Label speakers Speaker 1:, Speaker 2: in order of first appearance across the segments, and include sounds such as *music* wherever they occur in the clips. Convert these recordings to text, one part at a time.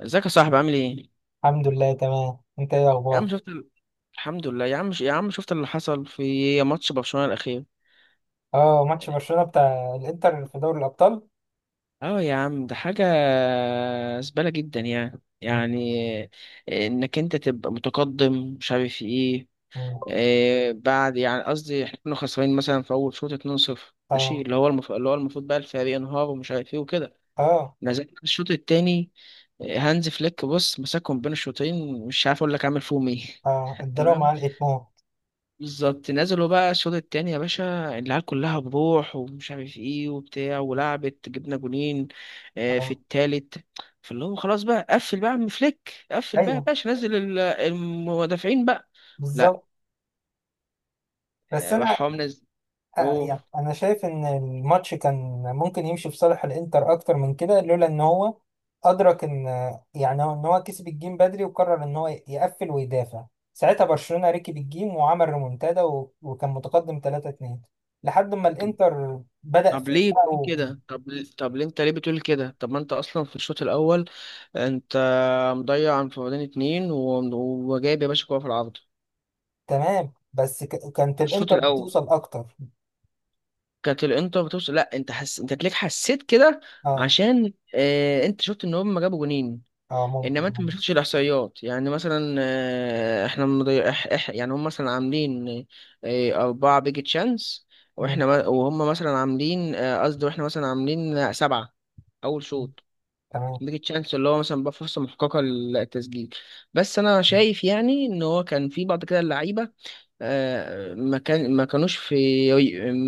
Speaker 1: ازيك يا صاحبي، عامل ايه؟
Speaker 2: الحمد لله، تمام. انت ايه
Speaker 1: يا عم
Speaker 2: اخبار؟
Speaker 1: شفت ال... الحمد لله يا عم شفت اللي حصل في ماتش برشلونة الأخير؟
Speaker 2: اه، ماتش برشلونة بتاع الانتر في دوري الابطال.
Speaker 1: اه يا عم، ده حاجة زبالة جدا. يعني
Speaker 2: مم.
Speaker 1: يعني انك انت تبقى متقدم، مش عارف ايه.
Speaker 2: مم.
Speaker 1: بعد، يعني قصدي احنا كنا خسرانين مثلا في اول شوط 2-0. ماشي،
Speaker 2: اه.
Speaker 1: اللي هو المفروض بقى الفريق ينهار ومش عارف ايه وكده.
Speaker 2: اه.
Speaker 1: نزلت الشوط التاني. هانز فليك بص مسكهم بين الشوطين، مش عارف اقول لك عامل فيهم ايه.
Speaker 2: اه،
Speaker 1: *laughs*
Speaker 2: الدراما
Speaker 1: تمام.
Speaker 2: علقت موت.
Speaker 1: بالظبط نزلوا بقى الشوط التاني يا باشا، العيال كلها بروح ومش عارف ايه وبتاع، ولعبت، جبنا جونين في
Speaker 2: اه،
Speaker 1: التالت. فاللي هو خلاص بقى قفل، بقى يا عم فليك قفل بقى يا
Speaker 2: ايوه،
Speaker 1: باشا، نزل المدافعين بقى. لا،
Speaker 2: بالظبط. بس انا.
Speaker 1: راح هو منزل.
Speaker 2: يعني
Speaker 1: اوه.
Speaker 2: انا شايف ان الماتش كان ممكن يمشي في صالح الانتر اكتر من كده لولا ان هو ادرك ان يعني ان هو كسب الجيم بدري وقرر ان هو يقفل ويدافع. ساعتها برشلونة ركب الجيم وعمل ريمونتادا و- وكان متقدم 3-2 لحد ما
Speaker 1: طب،
Speaker 2: الانتر بدأ
Speaker 1: طب ليه بتقول
Speaker 2: فاق.
Speaker 1: كده طب طب ليه انت بتقول كده؟ طب ما انت اصلا في الشوط الاول انت مضيع انفرادين اتنين وجايب يا باشا كوره في العارضه.
Speaker 2: تمام، بس كانت
Speaker 1: في الشوط
Speaker 2: الانتر
Speaker 1: الاول
Speaker 2: بتوصل اكتر.
Speaker 1: كانت الانتر بتوصل. لا، انت تلاقيك حسيت كده،
Speaker 2: اه،
Speaker 1: عشان انت شفت ان هم جابوا جونين.
Speaker 2: اه، ممكن،
Speaker 1: انما انت
Speaker 2: آه.
Speaker 1: ما شفتش الاحصائيات. يعني مثلا احنا يعني هم مثلا عاملين 4 بيج تشانس،
Speaker 2: مم.
Speaker 1: واحنا ما... وهم مثلا عاملين آه، قصدي واحنا مثلا عاملين 7 اول
Speaker 2: مم.
Speaker 1: شوط.
Speaker 2: تمام.
Speaker 1: بيج تشانس اللي هو مثلا بقى فرصة محققة للتسجيل. بس انا شايف يعني ان هو كان في بعض كده اللعيبة ما كانوش في،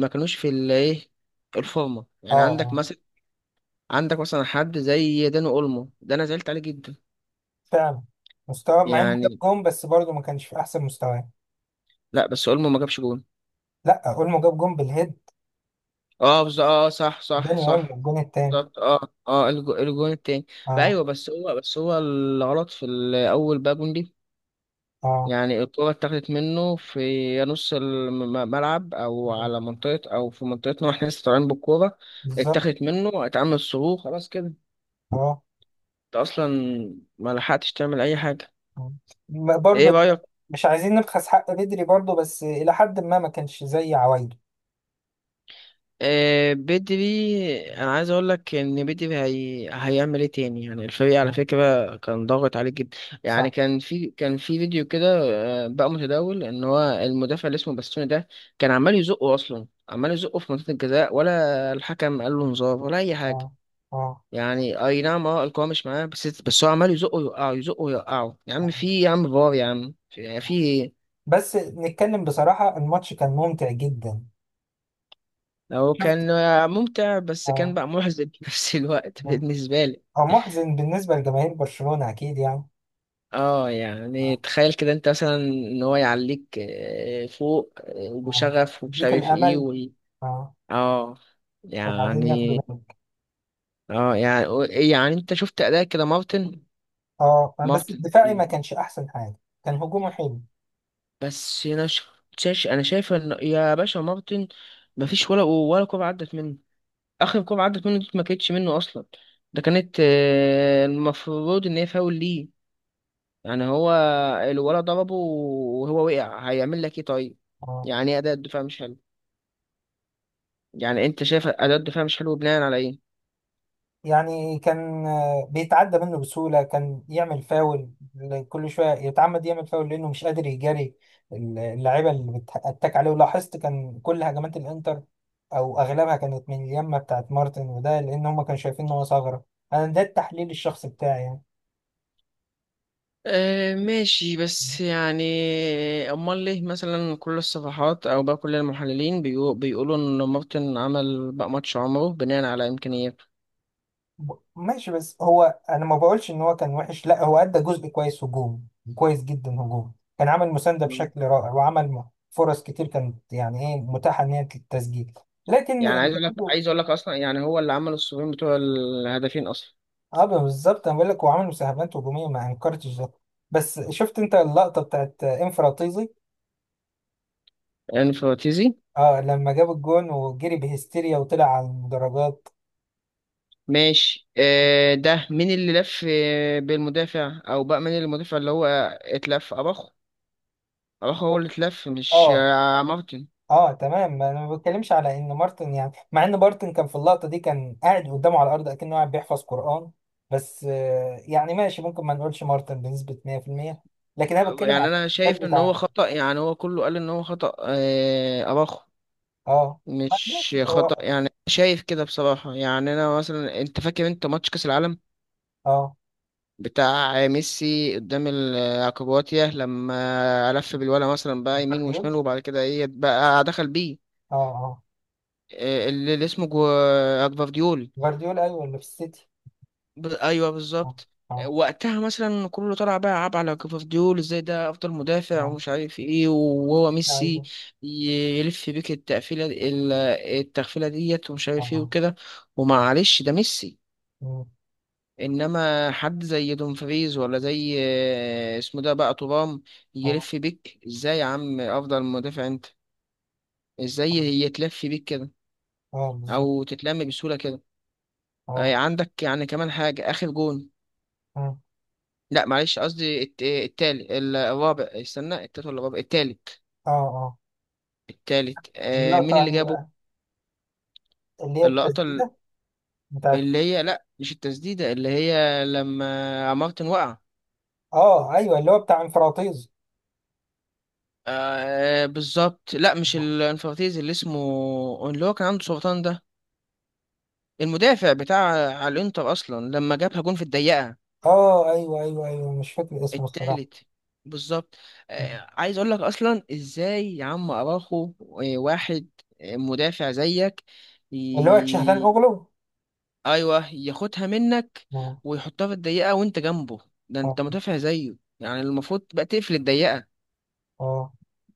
Speaker 1: ما كانوش في الايه الفورمه.
Speaker 2: اه،
Speaker 1: يعني
Speaker 2: اه،
Speaker 1: عندك مثلا حد زي داني اولمو، ده انا زعلت عليه جدا،
Speaker 2: فعلا. مستواه مع انه جاب
Speaker 1: يعني.
Speaker 2: جون بس برضه ما كانش في احسن مستواه.
Speaker 1: لا بس اولمو ما جابش جون.
Speaker 2: لا، اولمو جاب جون بالهيد.
Speaker 1: اه صح صح
Speaker 2: داني اولمو
Speaker 1: صح
Speaker 2: الجون التاني.
Speaker 1: بالظبط، اه اه، الجون التاني. بقى
Speaker 2: اه.
Speaker 1: ايوه، بس هو الغلط في الاول بقى جون دي.
Speaker 2: اه،
Speaker 1: يعني الكرة اتاخدت منه في نص الملعب، او على منطقة، او في منطقتنا واحنا لسه طالعين بالكورة.
Speaker 2: بالظبط.
Speaker 1: اتاخدت منه، اتعمل صروخ، خلاص كده.
Speaker 2: اه.
Speaker 1: انت اصلا ما لحقتش تعمل اي حاجه.
Speaker 2: آه.
Speaker 1: ايه
Speaker 2: برضه.
Speaker 1: رايك؟
Speaker 2: مش عايزين نبخس حق بدري برضه بس الى حد ما ما كانش زي عوايده.
Speaker 1: آه بدري، انا عايز اقول لك ان بدري هيعمل ايه تاني؟ يعني الفريق على
Speaker 2: آه.
Speaker 1: فكره كان ضاغط عليه جدا. يعني
Speaker 2: صح.
Speaker 1: كان في فيديو كده بقى متداول، ان هو المدافع اللي اسمه باستوني ده كان عمال يزقه، اصلا عمال يزقه في منطقه الجزاء، ولا الحكم قال له انذار ولا اي
Speaker 2: اه.
Speaker 1: حاجه.
Speaker 2: اه.
Speaker 1: يعني اي نعم، اه القوه مش معاه، بس هو عمال يزقه يوقعه، يزقه يوقعه، يا عم
Speaker 2: آه.
Speaker 1: في، يا عم فار، يا عم في، يعني في
Speaker 2: آه.
Speaker 1: إيه؟
Speaker 2: بس نتكلم بصراحة الماتش كان ممتع جدا.
Speaker 1: هو
Speaker 2: شفت؟
Speaker 1: كان ممتع، بس كان
Speaker 2: اه.
Speaker 1: بقى محزن في نفس الوقت
Speaker 2: آه.
Speaker 1: بالنسبة لي.
Speaker 2: هو محزن بالنسبة لجماهير برشلونة أكيد يعني.
Speaker 1: اه يعني
Speaker 2: آه.
Speaker 1: تخيل كده انت مثلا ان هو يعليك فوق
Speaker 2: آه.
Speaker 1: وشغف ومش
Speaker 2: يديك
Speaker 1: عارف ايه
Speaker 2: الأمل.
Speaker 1: و...
Speaker 2: اه.
Speaker 1: اه
Speaker 2: وبعدين ياخدوا
Speaker 1: يعني.
Speaker 2: منك.
Speaker 1: اه يعني يعني انت شفت اداء كده مارتن.
Speaker 2: اه، بس
Speaker 1: مارتن
Speaker 2: الدفاعي ما
Speaker 1: ال-
Speaker 2: كانش أحسن حاجة. كان هجومه حلو.
Speaker 1: بس انا ش- شاش انا شايف ان يا باشا مارتن مفيش ولا كوره عدت منه. اخر كوره عدت منه دي ما كانتش منه اصلا. ده كانت المفروض ان هي فاول ليه. يعني هو الولد ضربه وهو وقع، هيعمل لك ايه طيب؟
Speaker 2: اه،
Speaker 1: يعني ايه اداء الدفاع مش حلو؟ يعني انت شايف اداء الدفاع مش حلو بناء على ايه؟
Speaker 2: يعني كان بيتعدى منه بسهولة. كان يعمل فاول. كل شوية يتعمد يعمل فاول لأنه مش قادر يجاري اللعيبة اللي بتتك عليه. ولاحظت كان كل هجمات الإنتر أو أغلبها كانت من اليمة بتاعت مارتن، وده لأن هما كانوا شايفين إن هو ثغرة. أنا ده التحليل الشخصي بتاعي يعني.
Speaker 1: آه ماشي، بس يعني امال ليه مثلا كل الصفحات او بقى كل المحللين بيقولوا ان مارتن عمل بقى ماتش عمره بناء على امكانياته؟
Speaker 2: ماشي، بس هو انا ما بقولش ان هو كان وحش. لا، هو ادى جزء كويس هجوم. كويس جدا هجوم. كان عمل مساندة
Speaker 1: مم.
Speaker 2: بشكل رائع، وعمل فرص كتير كانت يعني ايه متاحة ان هي للتسجيل. لكن
Speaker 1: يعني
Speaker 2: انت برضه.
Speaker 1: عايز اقول لك اصلا يعني هو اللي عمل الصفين بتوع الهدفين اصلا.
Speaker 2: اه، بالظبط، انا بقول لك هو عمل مساهمات هجومية ما انكرتش ده. بس شفت انت اللقطة بتاعت انفراطيزي؟
Speaker 1: يعني فراتيزي.
Speaker 2: اه، لما جاب الجون وجري بهستيريا وطلع على المدرجات.
Speaker 1: ماشي ده مين اللي لف بالمدافع، او بقى مين المدافع اللي هو اتلف؟ اباخو. اباخو هو اللي اتلف، مش
Speaker 2: اه.
Speaker 1: مارتن.
Speaker 2: اه، تمام. ما انا ما بتكلمش على ان مارتن، يعني مع ان مارتن كان في اللقطه دي كان قاعد قدامه على الارض اكنه قاعد بيحفظ قران. بس يعني ماشي ممكن ما نقولش مارتن بنسبه 100%. لكن انا بتكلم
Speaker 1: يعني
Speaker 2: على
Speaker 1: انا شايف
Speaker 2: الاحتفال
Speaker 1: ان هو
Speaker 2: بتاع.
Speaker 1: خطأ، يعني هو كله قال ان هو خطأ اباخو،
Speaker 2: اه،
Speaker 1: مش
Speaker 2: ماشي.
Speaker 1: خطأ،
Speaker 2: هو
Speaker 1: يعني شايف كده بصراحة. يعني انا مثلا انت فاكر انت ماتش كأس العالم
Speaker 2: اه
Speaker 1: بتاع ميسي قدام الكرواتيا، لما لف بالولا مثلا بقى يمين
Speaker 2: جفارديول.
Speaker 1: وشمال وبعد كده ايه بقى دخل بيه
Speaker 2: اه، اه،
Speaker 1: اللي اسمه جفارديول.
Speaker 2: جفارديول، ايوه، اللي في السيتي.
Speaker 1: ايوه
Speaker 2: اه.
Speaker 1: بالظبط.
Speaker 2: اه.
Speaker 1: وقتها مثلا كله طلع بقى يلعب على كوفارديول، ازاي ده افضل مدافع
Speaker 2: اه،
Speaker 1: ومش عارف ايه، وهو
Speaker 2: السيتي
Speaker 1: ميسي
Speaker 2: عايزه.
Speaker 1: يلف بيك التقفيله التغفيله ديت ومش
Speaker 2: اه.
Speaker 1: عارف ايه
Speaker 2: اه.
Speaker 1: وكده.
Speaker 2: اه.
Speaker 1: ومعلش ده ميسي.
Speaker 2: مم.
Speaker 1: انما حد زي دومفريز، ولا زي اسمه ده بقى ترام،
Speaker 2: اه.
Speaker 1: يلف بيك ازاي يا عم؟ افضل مدافع انت، ازاي
Speaker 2: آه.
Speaker 1: يتلف بيك كده؟
Speaker 2: آه، بالظبط.
Speaker 1: او تتلم بسهوله كده؟
Speaker 2: اه.
Speaker 1: عندك يعني كمان حاجه، اخر جون.
Speaker 2: اه.
Speaker 1: لا معلش قصدي التالت الرابع، استنى، التالت ولا الرابع، التالت.
Speaker 2: اه. آه.
Speaker 1: التالت، آه،
Speaker 2: اللقطه
Speaker 1: مين اللي
Speaker 2: انهي
Speaker 1: جابه؟
Speaker 2: بقى؟ اللي هي
Speaker 1: اللقطة
Speaker 2: التسديده بتاعت.
Speaker 1: اللي هي، لا مش التسديدة، اللي هي لما مارتن وقع.
Speaker 2: اه، ايوه، اللي هو بتاع انفراطيز.
Speaker 1: آه بالظبط، لا مش الانفرتيز، اللي اسمه اللي هو كان عنده سرطان ده، المدافع بتاع على الانتر اصلا، لما جابها جون في الضيقة،
Speaker 2: اه، ايوه، ايوه، ايوه، مش فاكر اسمه الصراحه.
Speaker 1: التالت. بالظبط. آه، عايز اقول لك اصلا ازاي يا عم اراخو واحد مدافع زيك،
Speaker 2: اللي هو تشهلان اوغلو.
Speaker 1: ايوه، ياخدها منك
Speaker 2: اه.
Speaker 1: ويحطها في الضيقه وانت جنبه؟ ده
Speaker 2: اه.
Speaker 1: انت مدافع زيه، يعني المفروض بقى تقفل الضيقه.
Speaker 2: اه.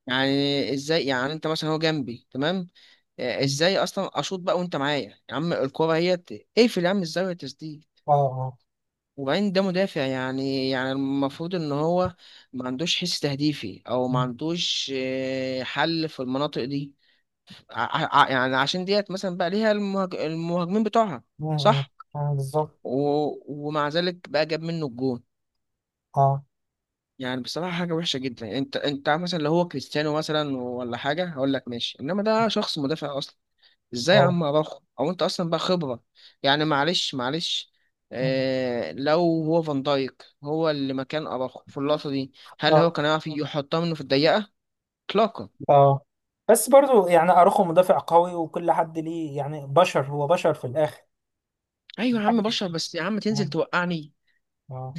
Speaker 1: يعني ازاي يعني؟ انت مثلا هو جنبي تمام، ازاي اصلا اشوط بقى وانت معايا يا عم؟ الكوره هي اقفل يا عم الزاويه تسديد.
Speaker 2: اه. اه.
Speaker 1: وبعدين ده مدافع، يعني المفروض ان هو ما عندوش حس تهديفي، او ما
Speaker 2: م-
Speaker 1: عندوش حل في المناطق دي. يعني عشان ديت مثلا بقى ليها المهاجمين بتوعها،
Speaker 2: م.
Speaker 1: صح؟
Speaker 2: آه، بالظبط.
Speaker 1: و... ومع ذلك بقى جاب منه الجون.
Speaker 2: اه.
Speaker 1: يعني بصراحة حاجة وحشة جدا. انت مثلا لو هو كريستيانو مثلا ولا حاجة، هقول لك ماشي، انما ده شخص مدافع اصلا، ازاي يا
Speaker 2: اه.
Speaker 1: عم اراخو؟ او انت اصلا بقى خبرة، يعني معلش اه، لو هو فان دايك هو اللي مكان اراخو في اللقطة دي، هل
Speaker 2: اه.
Speaker 1: هو كان يعرف يحطها منه في الضيقة؟ اطلاقا.
Speaker 2: اه. بس برضو يعني اروخو مدافع قوي وكل حد ليه يعني بشر، هو بشر في الاخر.
Speaker 1: ايوه يا عم
Speaker 2: محدش.
Speaker 1: بشر، بس يا عم تنزل
Speaker 2: اه.
Speaker 1: توقعني؟
Speaker 2: اه.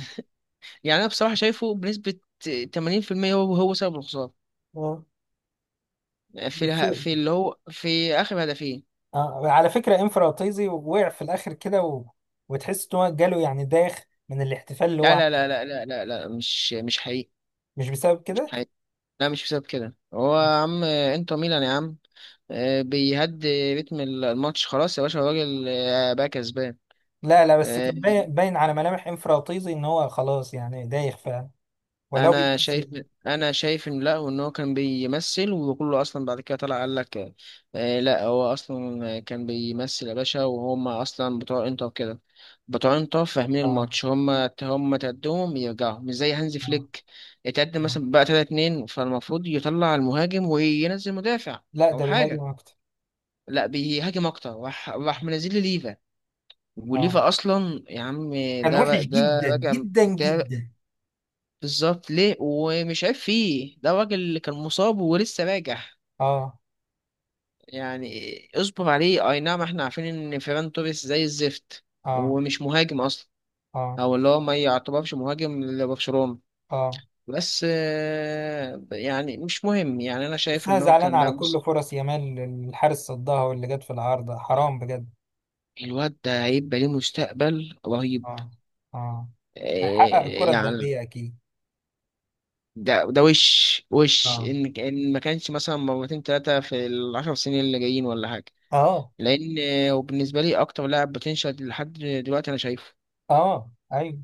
Speaker 1: يعني انا بصراحة شايفه بنسبة 80% هو هو سبب الخسارة،
Speaker 2: آه. بس
Speaker 1: في اللي هو في اخر هدفين.
Speaker 2: آه. على فكره انفراطيزي وقع في الاخر كده. وتحس ان هو جاله يعني داخ من الاحتفال اللي هو
Speaker 1: لا، لا،
Speaker 2: عمله.
Speaker 1: لا، لا، لا، لا، لا، مش حقيقي،
Speaker 2: مش بسبب
Speaker 1: مش
Speaker 2: كده.
Speaker 1: حقيقي. لا مش بسبب كده، هو يا عم انتر ميلان يا عم، بيهدي رتم الماتش خلاص يا باشا، الراجل بقى كسبان.
Speaker 2: لا، لا، بس
Speaker 1: آه،
Speaker 2: كان باين باين على ملامح انفراطيزي ان هو خلاص يعني دايخ فعلا. ولو
Speaker 1: انا
Speaker 2: بيحس.
Speaker 1: شايف انا شايف ان لا، وان هو كان بيمثل، وكله اصلا بعد كده طلع قال لك لا هو اصلا كان بيمثل يا باشا. وهم اصلا بتوع انتر كده، بتوع انتر فاهمين
Speaker 2: اه.
Speaker 1: الماتش، هم تقدمهم يرجعوا، مش زي هانزي
Speaker 2: اه.
Speaker 1: فليك، اتقدم
Speaker 2: اه.
Speaker 1: مثلا بقى 3-2 فالمفروض يطلع المهاجم وينزل مدافع
Speaker 2: لا،
Speaker 1: او
Speaker 2: ده بيهاجم
Speaker 1: حاجه.
Speaker 2: اكتر.
Speaker 1: لا، بيهاجم اكتر، راح منزل لي ليفا،
Speaker 2: اه،
Speaker 1: وليفا اصلا يا عم،
Speaker 2: كان وحش
Speaker 1: ده
Speaker 2: جدا
Speaker 1: راجع،
Speaker 2: جدا
Speaker 1: ده
Speaker 2: جدا.
Speaker 1: بالظبط، ليه ومش عارف فيه ده، الراجل اللي كان مصاب ولسه راجع.
Speaker 2: اه.
Speaker 1: يعني اصبر عليه. اي نعم احنا عارفين ان فيران توريس زي الزفت،
Speaker 2: اه.
Speaker 1: ومش مهاجم اصلا،
Speaker 2: اه.
Speaker 1: او اللي هو ما يعتبرش مهاجم لبرشلونة.
Speaker 2: اه،
Speaker 1: بس يعني مش مهم. يعني انا
Speaker 2: بس
Speaker 1: شايف
Speaker 2: انا
Speaker 1: ان هو
Speaker 2: زعلان
Speaker 1: كان
Speaker 2: على
Speaker 1: بقى
Speaker 2: كل فرص يامال الحارس صدها واللي جت في العارضة حرام بجد.
Speaker 1: الواد ده هيبقى ليه مستقبل رهيب
Speaker 2: اه. اه، هيحقق الكرة
Speaker 1: يعني.
Speaker 2: الذهبية اكيد.
Speaker 1: ده ده وش
Speaker 2: اه.
Speaker 1: ان ما كانش مثلا مرتين ثلاثه في الـ 10 سنين اللي جايين ولا حاجه.
Speaker 2: اه.
Speaker 1: لان وبالنسبه لي اكتر لاعب بوتنشال لحد دلوقتي انا شايفه.
Speaker 2: اه، ايوه،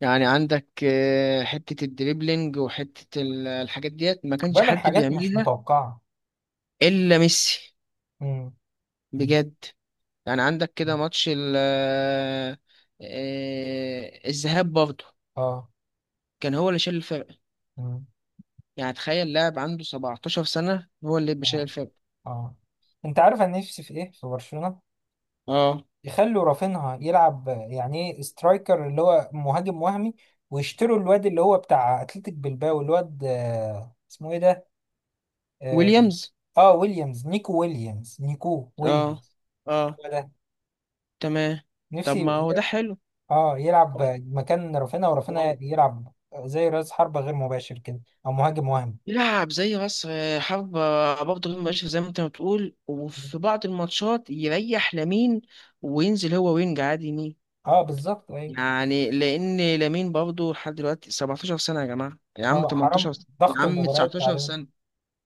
Speaker 1: يعني عندك حته الدريبلينج وحته الحاجات ديت، ما كانش
Speaker 2: بيعمل
Speaker 1: حد
Speaker 2: حاجات مش
Speaker 1: بيعملها
Speaker 2: متوقعة.
Speaker 1: الا ميسي،
Speaker 2: امم. أمم.
Speaker 1: بجد. يعني عندك كده ماتش ال آه، الذهاب برضه
Speaker 2: اه.
Speaker 1: كان هو اللي شايل الفرق.
Speaker 2: أمم.
Speaker 1: يعني تخيل لاعب عنده 17 سنه هو اللي بيشيل
Speaker 2: آه.
Speaker 1: الفرق.
Speaker 2: اه. انت عارف انا نفسي في ايه في برشلونة؟
Speaker 1: اه،
Speaker 2: يخلوا رافينها يلعب يعني ايه سترايكر اللي هو مهاجم وهمي، ويشتروا الواد اللي هو بتاع اتلتيك بلباو، الواد اسمه ايه ده؟ اه.
Speaker 1: ويليامز.
Speaker 2: آه، ويليامز. نيكو ويليامز. نيكو
Speaker 1: اه
Speaker 2: ويليامز.
Speaker 1: اه
Speaker 2: هو ده.
Speaker 1: تمام.
Speaker 2: نفسي.
Speaker 1: طب ما هو ده
Speaker 2: يلعب.
Speaker 1: حلو.
Speaker 2: اه، يلعب مكان رافينها ورافينها
Speaker 1: والله،
Speaker 2: يلعب زي راس حربة غير مباشر كده. او مهاجم وهمي.
Speaker 1: يلعب زي مصر، حابب، برضه غير مباشر، زي ما انت ما بتقول، وفي بعض الماتشات يريح لامين وينزل هو وينج عادي يمين.
Speaker 2: اه، بالظبط، ايوه.
Speaker 1: يعني لان لامين برضه لحد دلوقتي 17 سنه يا جماعه، يا عم
Speaker 2: اه، حرام.
Speaker 1: 18 سنة، يا
Speaker 2: ضغط
Speaker 1: عم
Speaker 2: المباريات
Speaker 1: 19
Speaker 2: عليه.
Speaker 1: سنه.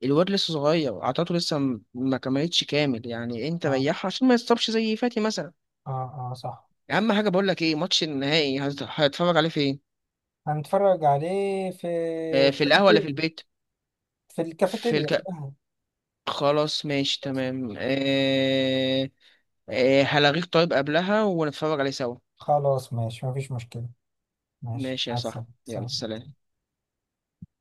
Speaker 1: الواد لسه صغير، عطاته لسه ما كملتش كامل، يعني انت
Speaker 2: اه.
Speaker 1: ريحه عشان ما يتصابش زي فاتي مثلا.
Speaker 2: اه. اه، صح.
Speaker 1: يا عم حاجه، بقول لك ايه، ماتش النهائي هتتفرج عليه فين؟
Speaker 2: هنتفرج عليه في.
Speaker 1: في القهوه ولا في
Speaker 2: الكافيتيريا.
Speaker 1: البيت؟
Speaker 2: في
Speaker 1: في
Speaker 2: الكافيتيريا، في
Speaker 1: الك...
Speaker 2: القهوة.
Speaker 1: خلاص ماشي تمام. هلغيك طيب قبلها ونتفرج عليه سوا.
Speaker 2: خلاص، ماشي، مفيش مشكلة. ماشي،
Speaker 1: ماشي يا
Speaker 2: مع
Speaker 1: صاحبي،
Speaker 2: السلامة،
Speaker 1: يلا
Speaker 2: سلام.
Speaker 1: سلام.